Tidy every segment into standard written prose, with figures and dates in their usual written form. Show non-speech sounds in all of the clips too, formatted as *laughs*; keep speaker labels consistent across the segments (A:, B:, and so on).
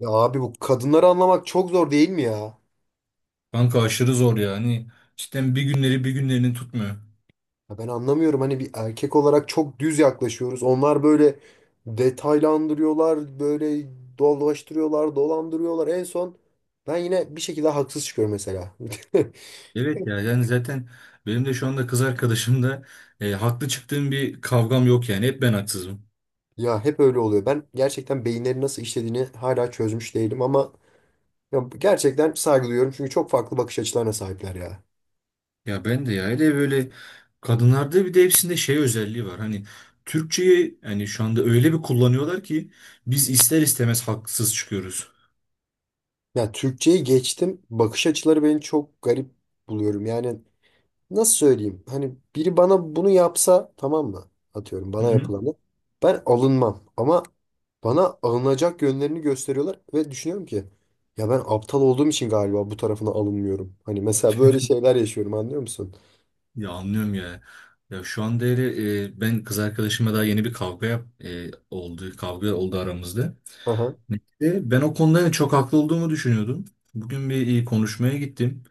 A: Ya abi bu kadınları anlamak çok zor değil mi ya?
B: Kanka aşırı zor ya. Hani cidden bir günlerini tutmuyor.
A: Ya ben anlamıyorum hani bir erkek olarak çok düz yaklaşıyoruz. Onlar böyle detaylandırıyorlar, böyle dolaştırıyorlar, dolandırıyorlar. En son ben yine bir şekilde haksız çıkıyorum mesela. *laughs*
B: Evet ya yani zaten benim de şu anda kız arkadaşımda haklı çıktığım bir kavgam yok yani. Hep ben haksızım.
A: Ya hep öyle oluyor. Ben gerçekten beyinleri nasıl işlediğini hala çözmüş değilim ama ya gerçekten saygı duyuyorum çünkü çok farklı bakış açılarına sahipler ya.
B: Ya ben de ya. Hele böyle kadınlarda bir de hepsinde şey özelliği var. Hani Türkçeyi yani şu anda öyle bir kullanıyorlar ki biz ister istemez haksız çıkıyoruz.
A: Ya Türkçeyi geçtim. Bakış açıları beni çok garip buluyorum. Yani nasıl söyleyeyim? Hani biri bana bunu yapsa tamam mı? Atıyorum
B: Hı
A: bana
B: hı.
A: yapılanı. Ben alınmam ama bana alınacak yönlerini gösteriyorlar ve düşünüyorum ki ya ben aptal olduğum için galiba bu tarafına alınmıyorum. Hani mesela böyle şeyler yaşıyorum anlıyor musun?
B: Ya anlıyorum ya. Ya şu anda hele, ben kız arkadaşıma daha yeni bir kavga oldu. Kavga oldu aramızda.
A: Aha.
B: Ben o konuda yani çok haklı olduğumu düşünüyordum. Bugün bir konuşmaya gittim.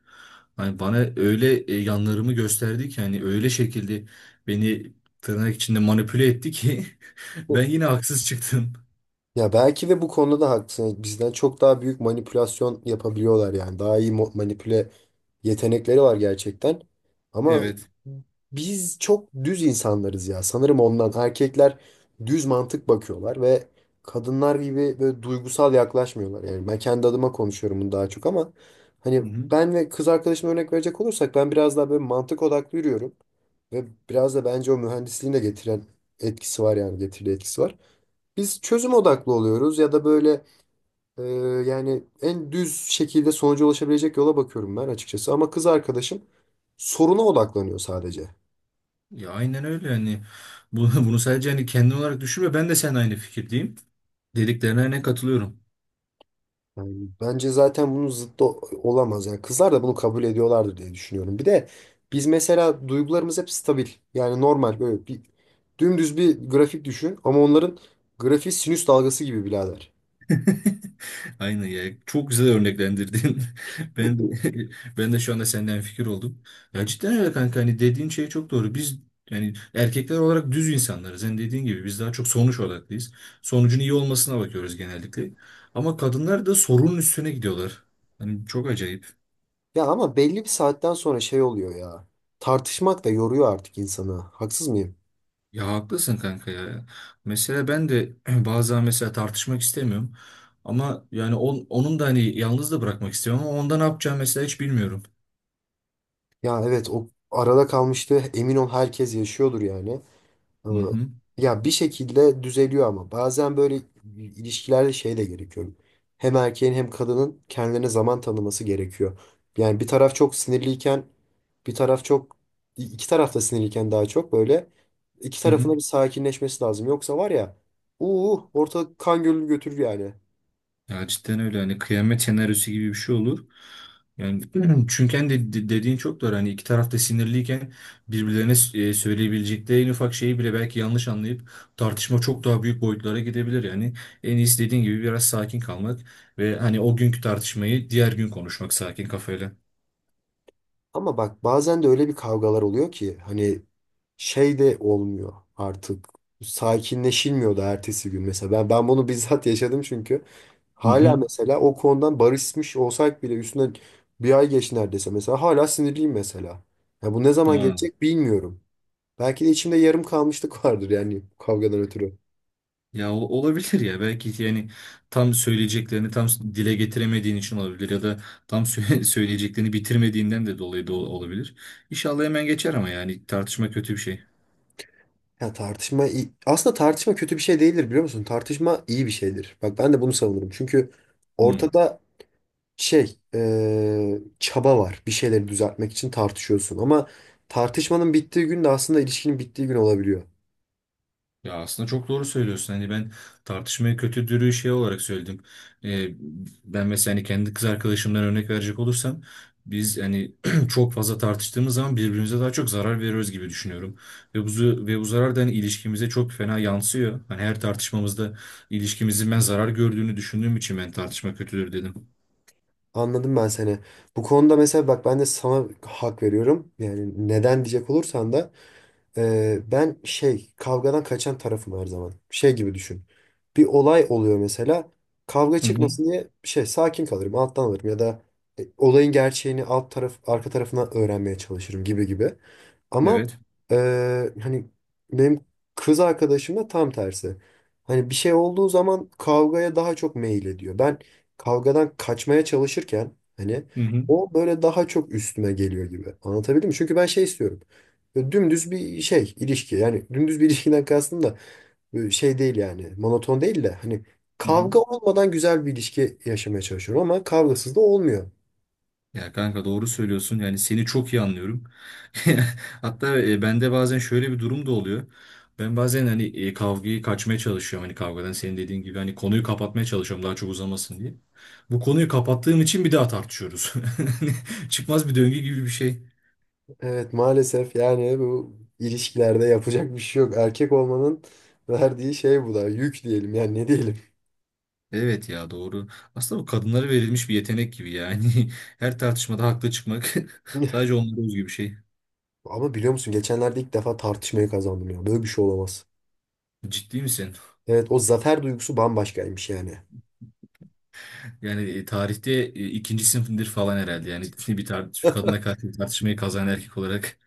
B: Hani bana öyle yanlarımı gösterdi ki hani öyle şekilde beni tırnak içinde manipüle etti ki *laughs* ben
A: Hı.
B: yine haksız çıktım.
A: Ya belki de bu konuda da haklısın. Hani bizden çok daha büyük manipülasyon yapabiliyorlar yani. Daha iyi manipüle yetenekleri var gerçekten. Ama
B: Evet.
A: biz çok düz insanlarız ya. Sanırım ondan erkekler düz mantık bakıyorlar ve kadınlar gibi böyle duygusal yaklaşmıyorlar. Yani ben kendi adıma konuşuyorum bunu daha çok ama hani
B: Hı hı.
A: ben ve kız arkadaşıma örnek verecek olursak ben biraz daha böyle mantık odaklı yürüyorum. Ve biraz da bence o mühendisliğin de getiren etkisi var yani getirdiği etkisi var. Biz çözüm odaklı oluyoruz ya da böyle ee, yani en düz şekilde sonuca ulaşabilecek yola bakıyorum ben açıkçası. Ama kız arkadaşım soruna odaklanıyor sadece.
B: Ya aynen öyle yani. *laughs* Bunu sadece hani kendin olarak düşünme, ben de seninle aynı fikirdeyim. Dediklerine ne katılıyorum.
A: Yani bence zaten bunun zıttı olamaz. Yani kızlar da bunu kabul ediyorlardır diye düşünüyorum. Bir de biz mesela duygularımız hep stabil. Yani normal böyle bir dümdüz bir grafik düşün. Ama onların grafiği sinüs dalgası gibi birader.
B: *laughs* Aynen ya. Çok güzel örneklendirdin. *laughs* Ben
A: *laughs*
B: de, *laughs* Ben de şu anda senden fikir oldum. Ya cidden öyle kanka, hani dediğin şey çok doğru. Biz yani erkekler olarak düz insanlarız. Hani dediğin gibi biz daha çok sonuç odaklıyız. Sonucun iyi olmasına bakıyoruz genellikle. Ama kadınlar da sorunun üstüne gidiyorlar. Hani çok acayip.
A: Ya ama belli bir saatten sonra şey oluyor ya. Tartışmak da yoruyor artık insanı. Haksız mıyım?
B: Ya haklısın kanka ya. Mesela ben de *clears throat* bazen mesela tartışmak istemiyorum. Ama yani onun da hani yalnız da bırakmak istiyorum ama onda ne yapacağım mesela hiç bilmiyorum.
A: Ya evet, o arada kalmıştı. Emin ol herkes yaşıyordur yani.
B: Hı
A: Ama
B: hı.
A: ya bir şekilde düzeliyor ama bazen böyle ilişkilerde şey de gerekiyor. Hem erkeğin hem kadının kendilerine zaman tanıması gerekiyor. Yani bir taraf çok sinirliyken bir taraf çok iki taraf da sinirliyken daha çok böyle iki
B: Hı hı.
A: tarafında bir sakinleşmesi lazım. Yoksa var ya ortalık kan gölünü götürür yani.
B: Ya cidden öyle, hani kıyamet senaryosu gibi bir şey olur. Yani *clears throat* çünkü hani dediğin çok doğru. Hani iki taraf da sinirliyken birbirlerine söyleyebilecekleri en ufak şeyi bile belki yanlış anlayıp tartışma çok daha büyük boyutlara gidebilir. Yani en iyisi dediğin gibi biraz sakin kalmak ve hani o günkü tartışmayı diğer gün konuşmak sakin kafayla.
A: Ama bak bazen de öyle bir kavgalar oluyor ki hani şey de olmuyor artık. Sakinleşilmiyor da ertesi gün mesela. Ben bunu bizzat *laughs* yaşadım çünkü.
B: Hı
A: Hala
B: hı.
A: mesela o konudan barışmış olsak bile üstünden bir ay geç neredeyse mesela hala sinirliyim mesela. Ya bu ne zaman
B: Ha.
A: gelecek bilmiyorum. Belki de içimde yarım kalmışlık *laughs* vardır yani kavgadan ötürü.
B: Ya olabilir ya, belki yani tam söyleyeceklerini tam dile getiremediğin için olabilir, ya da tam *laughs* söyleyeceklerini bitirmediğinden de dolayı da olabilir. İnşallah hemen geçer ama yani tartışma kötü bir şey.
A: Ya aslında tartışma kötü bir şey değildir biliyor musun? Tartışma iyi bir şeydir. Bak ben de bunu savunurum. Çünkü
B: Hmm.
A: ortada şey çaba var. Bir şeyleri düzeltmek için tartışıyorsun. Ama tartışmanın bittiği gün de aslında ilişkinin bittiği gün olabiliyor.
B: Ya aslında çok doğru söylüyorsun. Hani ben tartışmayı kötü dürüyü şey olarak söyledim. Ee, ben mesela hani kendi kız arkadaşımdan örnek verecek olursam biz hani *clears throat* çok fazla tartıştığımız zaman birbirimize daha çok zarar veriyoruz gibi düşünüyorum. Ve bu zarar da hani ilişkimize çok fena yansıyor. Hani her tartışmamızda ilişkimizin ben zarar gördüğünü düşündüğüm için ben tartışma kötüdür dedim.
A: Anladım ben seni. Bu konuda mesela bak ben de sana hak veriyorum. Yani neden diyecek olursan da ben şey kavgadan kaçan tarafım her zaman. Şey gibi düşün. Bir olay oluyor mesela. Kavga
B: Hı hı.
A: çıkmasın diye şey sakin kalırım, alttan alırım ya da olayın gerçeğini alt taraf arka tarafından öğrenmeye çalışırım gibi gibi. Ama
B: Evet.
A: hani benim kız arkadaşım da tam tersi. Hani bir şey olduğu zaman kavgaya daha çok meyil ediyor. Ben kavgadan kaçmaya çalışırken hani
B: Hı hı.
A: o böyle daha çok üstüme geliyor gibi. Anlatabildim mi? Çünkü ben şey istiyorum. Böyle dümdüz bir şey ilişki yani dümdüz bir ilişkiden kastım da böyle şey değil yani monoton değil de hani
B: Hı hı.
A: kavga olmadan güzel bir ilişki yaşamaya çalışıyorum ama kavgasız da olmuyor.
B: Ya kanka doğru söylüyorsun. Yani seni çok iyi anlıyorum. *laughs* Hatta bende bazen şöyle bir durum da oluyor. Ben bazen hani kavgayı kaçmaya çalışıyorum. Hani kavgadan senin dediğin gibi hani konuyu kapatmaya çalışıyorum daha çok uzamasın diye. Bu konuyu kapattığım için bir daha tartışıyoruz. *laughs* Çıkmaz bir döngü gibi bir şey.
A: Evet maalesef yani bu ilişkilerde yapacak bir şey yok. Erkek olmanın verdiği şey bu da yük diyelim yani ne diyelim.
B: Evet ya, doğru. Aslında bu kadınlara verilmiş bir yetenek gibi yani. *laughs* Her tartışmada haklı çıkmak *laughs*
A: *laughs*
B: sadece onlara özgü bir şey.
A: Ama biliyor musun geçenlerde ilk defa tartışmayı kazandım ya böyle bir şey olamaz.
B: Ciddi misin?
A: Evet o zafer duygusu bambaşkaymış yani.
B: Yani tarihte ikinci sınıfındır falan herhalde. Yani *laughs* bir
A: *laughs*
B: kadına karşı bir tartışmayı kazanan erkek olarak.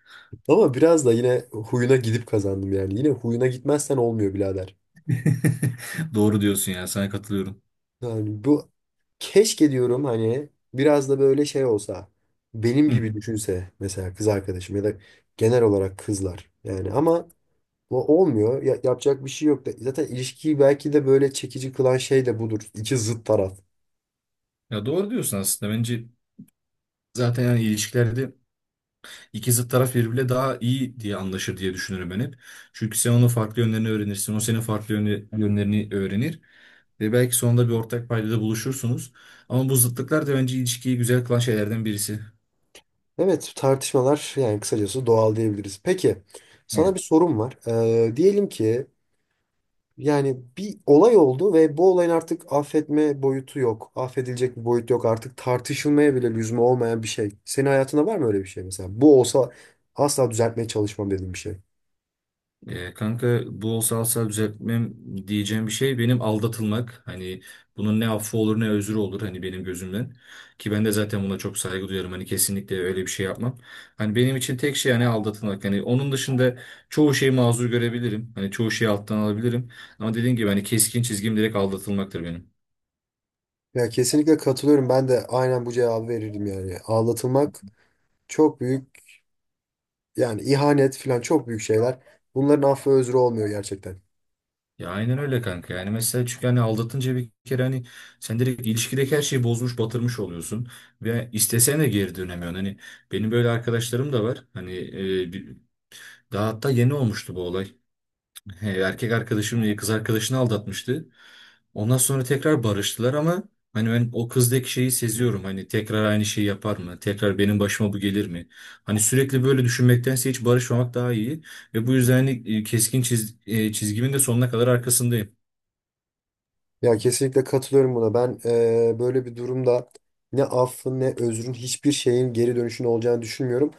A: Ama biraz da yine huyuna gidip kazandım yani. Yine huyuna gitmezsen olmuyor birader.
B: *laughs* Doğru diyorsun ya, sana katılıyorum.
A: Yani bu keşke diyorum hani biraz da böyle şey olsa. Benim
B: Hı.
A: gibi düşünse mesela kız arkadaşım ya da genel olarak kızlar. Yani ama bu olmuyor. Yapacak bir şey yok da. Zaten ilişkiyi belki de böyle çekici kılan şey de budur. İki zıt taraf.
B: Ya doğru diyorsun aslında. Bence zaten yani ilişkilerde iki zıt taraf birbiriyle daha iyi diye anlaşır diye düşünürüm ben hep. Çünkü sen onun farklı yönlerini öğrenirsin. O senin farklı yönlerini öğrenir. Ve belki sonunda bir ortak paydada buluşursunuz. Ama bu zıtlıklar da bence ilişkiyi güzel kılan şeylerden birisi.
A: Evet tartışmalar yani kısacası doğal diyebiliriz. Peki sana bir sorum var. Diyelim ki yani bir olay oldu ve bu olayın artık affetme boyutu yok. Affedilecek bir boyut yok. Artık tartışılmaya bile lüzum olmayan bir şey. Senin hayatında var mı öyle bir şey mesela? Bu olsa asla düzeltmeye çalışmam dediğim bir şey.
B: Kanka bu olsa alsa düzeltmem diyeceğim bir şey benim aldatılmak. Hani bunun ne affı olur ne özrü olur, hani benim gözümden. Ki ben de zaten buna çok saygı duyarım. Hani kesinlikle öyle bir şey yapmam. Hani benim için tek şey hani aldatılmak. Hani onun dışında çoğu şeyi mazur görebilirim. Hani çoğu şeyi alttan alabilirim. Ama dediğim gibi hani keskin çizgim direkt aldatılmaktır benim.
A: Ya kesinlikle katılıyorum. Ben de aynen bu cevabı verirdim yani. Ağlatılmak çok büyük yani ihanet falan çok büyük şeyler. Bunların affı özrü olmuyor gerçekten.
B: Ya aynen öyle kanka. Yani mesela çünkü hani aldatınca bir kere hani sen direkt ilişkideki her şeyi bozmuş, batırmış oluyorsun ve istesen de geri dönemiyorsun. Hani benim böyle arkadaşlarım da var. Hani daha hatta yeni olmuştu bu olay. He, erkek arkadaşım kız arkadaşını aldatmıştı. Ondan sonra tekrar barıştılar ama hani ben o kızdaki şeyi seziyorum. Hani tekrar aynı şeyi yapar mı? Tekrar benim başıma bu gelir mi? Hani sürekli böyle düşünmektense hiç barışmamak daha iyi. Ve bu yüzden hani keskin çizgimin de sonuna kadar arkasındayım.
A: Ya kesinlikle katılıyorum buna. Ben böyle bir durumda ne affın ne özrün hiçbir şeyin geri dönüşünün olacağını düşünmüyorum.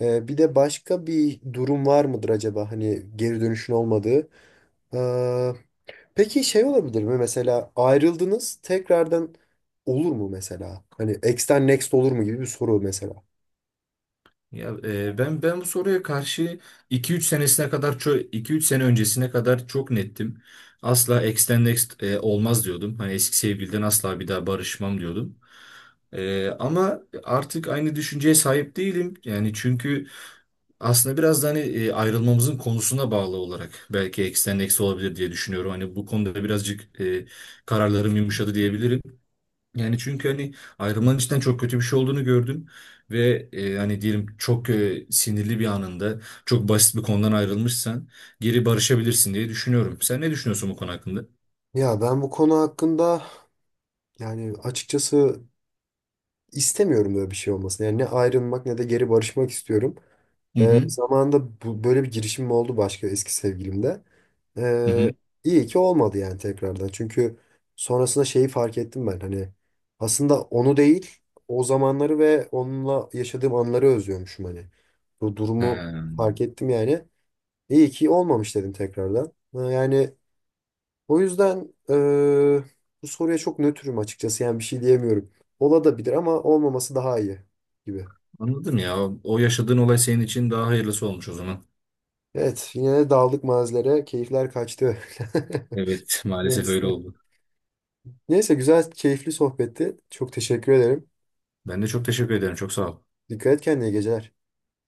A: Bir de başka bir durum var mıdır acaba hani geri dönüşün olmadığı? Ee, peki şey olabilir mi mesela ayrıldınız tekrardan olur mu mesela? Hani ex'ten next olur mu gibi bir soru mesela.
B: Ya ben bu soruya karşı iki üç senesine kadar çok 2-3 sene öncesine kadar çok nettim. Asla ex next olmaz diyordum. Hani eski sevgiliden asla bir daha barışmam diyordum. Ama artık aynı düşünceye sahip değilim. Yani çünkü aslında biraz da hani ayrılmamızın konusuna bağlı olarak belki ex next olabilir diye düşünüyorum. Hani bu konuda birazcık kararlarım yumuşadı diyebilirim. Yani çünkü hani ayrılmanın içten çok kötü bir şey olduğunu gördüm ve hani diyelim çok sinirli bir anında çok basit bir konudan ayrılmışsan geri barışabilirsin diye düşünüyorum. Sen ne düşünüyorsun bu konu hakkında?
A: Ya ben bu konu hakkında yani açıkçası istemiyorum böyle bir şey olmasını. Yani ne ayrılmak ne de geri barışmak istiyorum.
B: Hı hı.
A: Zamanında bu, böyle bir girişimim oldu başka eski sevgilimde.
B: Hı hı.
A: Ee, iyi ki olmadı yani tekrardan. Çünkü sonrasında şeyi fark ettim ben. Hani aslında onu değil, o zamanları ve onunla yaşadığım anları özlüyormuşum hani. Bu
B: Ha,
A: durumu fark ettim yani. İyi ki olmamış dedim tekrardan. Ha, yani o yüzden bu soruya çok nötrüm açıkçası. Yani bir şey diyemiyorum. Ola da bilir ama olmaması daha iyi gibi.
B: anladım ya. O yaşadığın olay senin için daha hayırlısı olmuş o zaman.
A: Evet, yine de daldık mazilere. Keyifler kaçtı.
B: Evet,
A: *laughs*
B: maalesef öyle
A: Neyse.
B: oldu.
A: Neyse güzel, keyifli sohbetti. Çok teşekkür ederim.
B: Ben de çok teşekkür ederim. Çok sağ ol.
A: Dikkat et kendine, iyi geceler.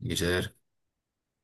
B: İyi geceler.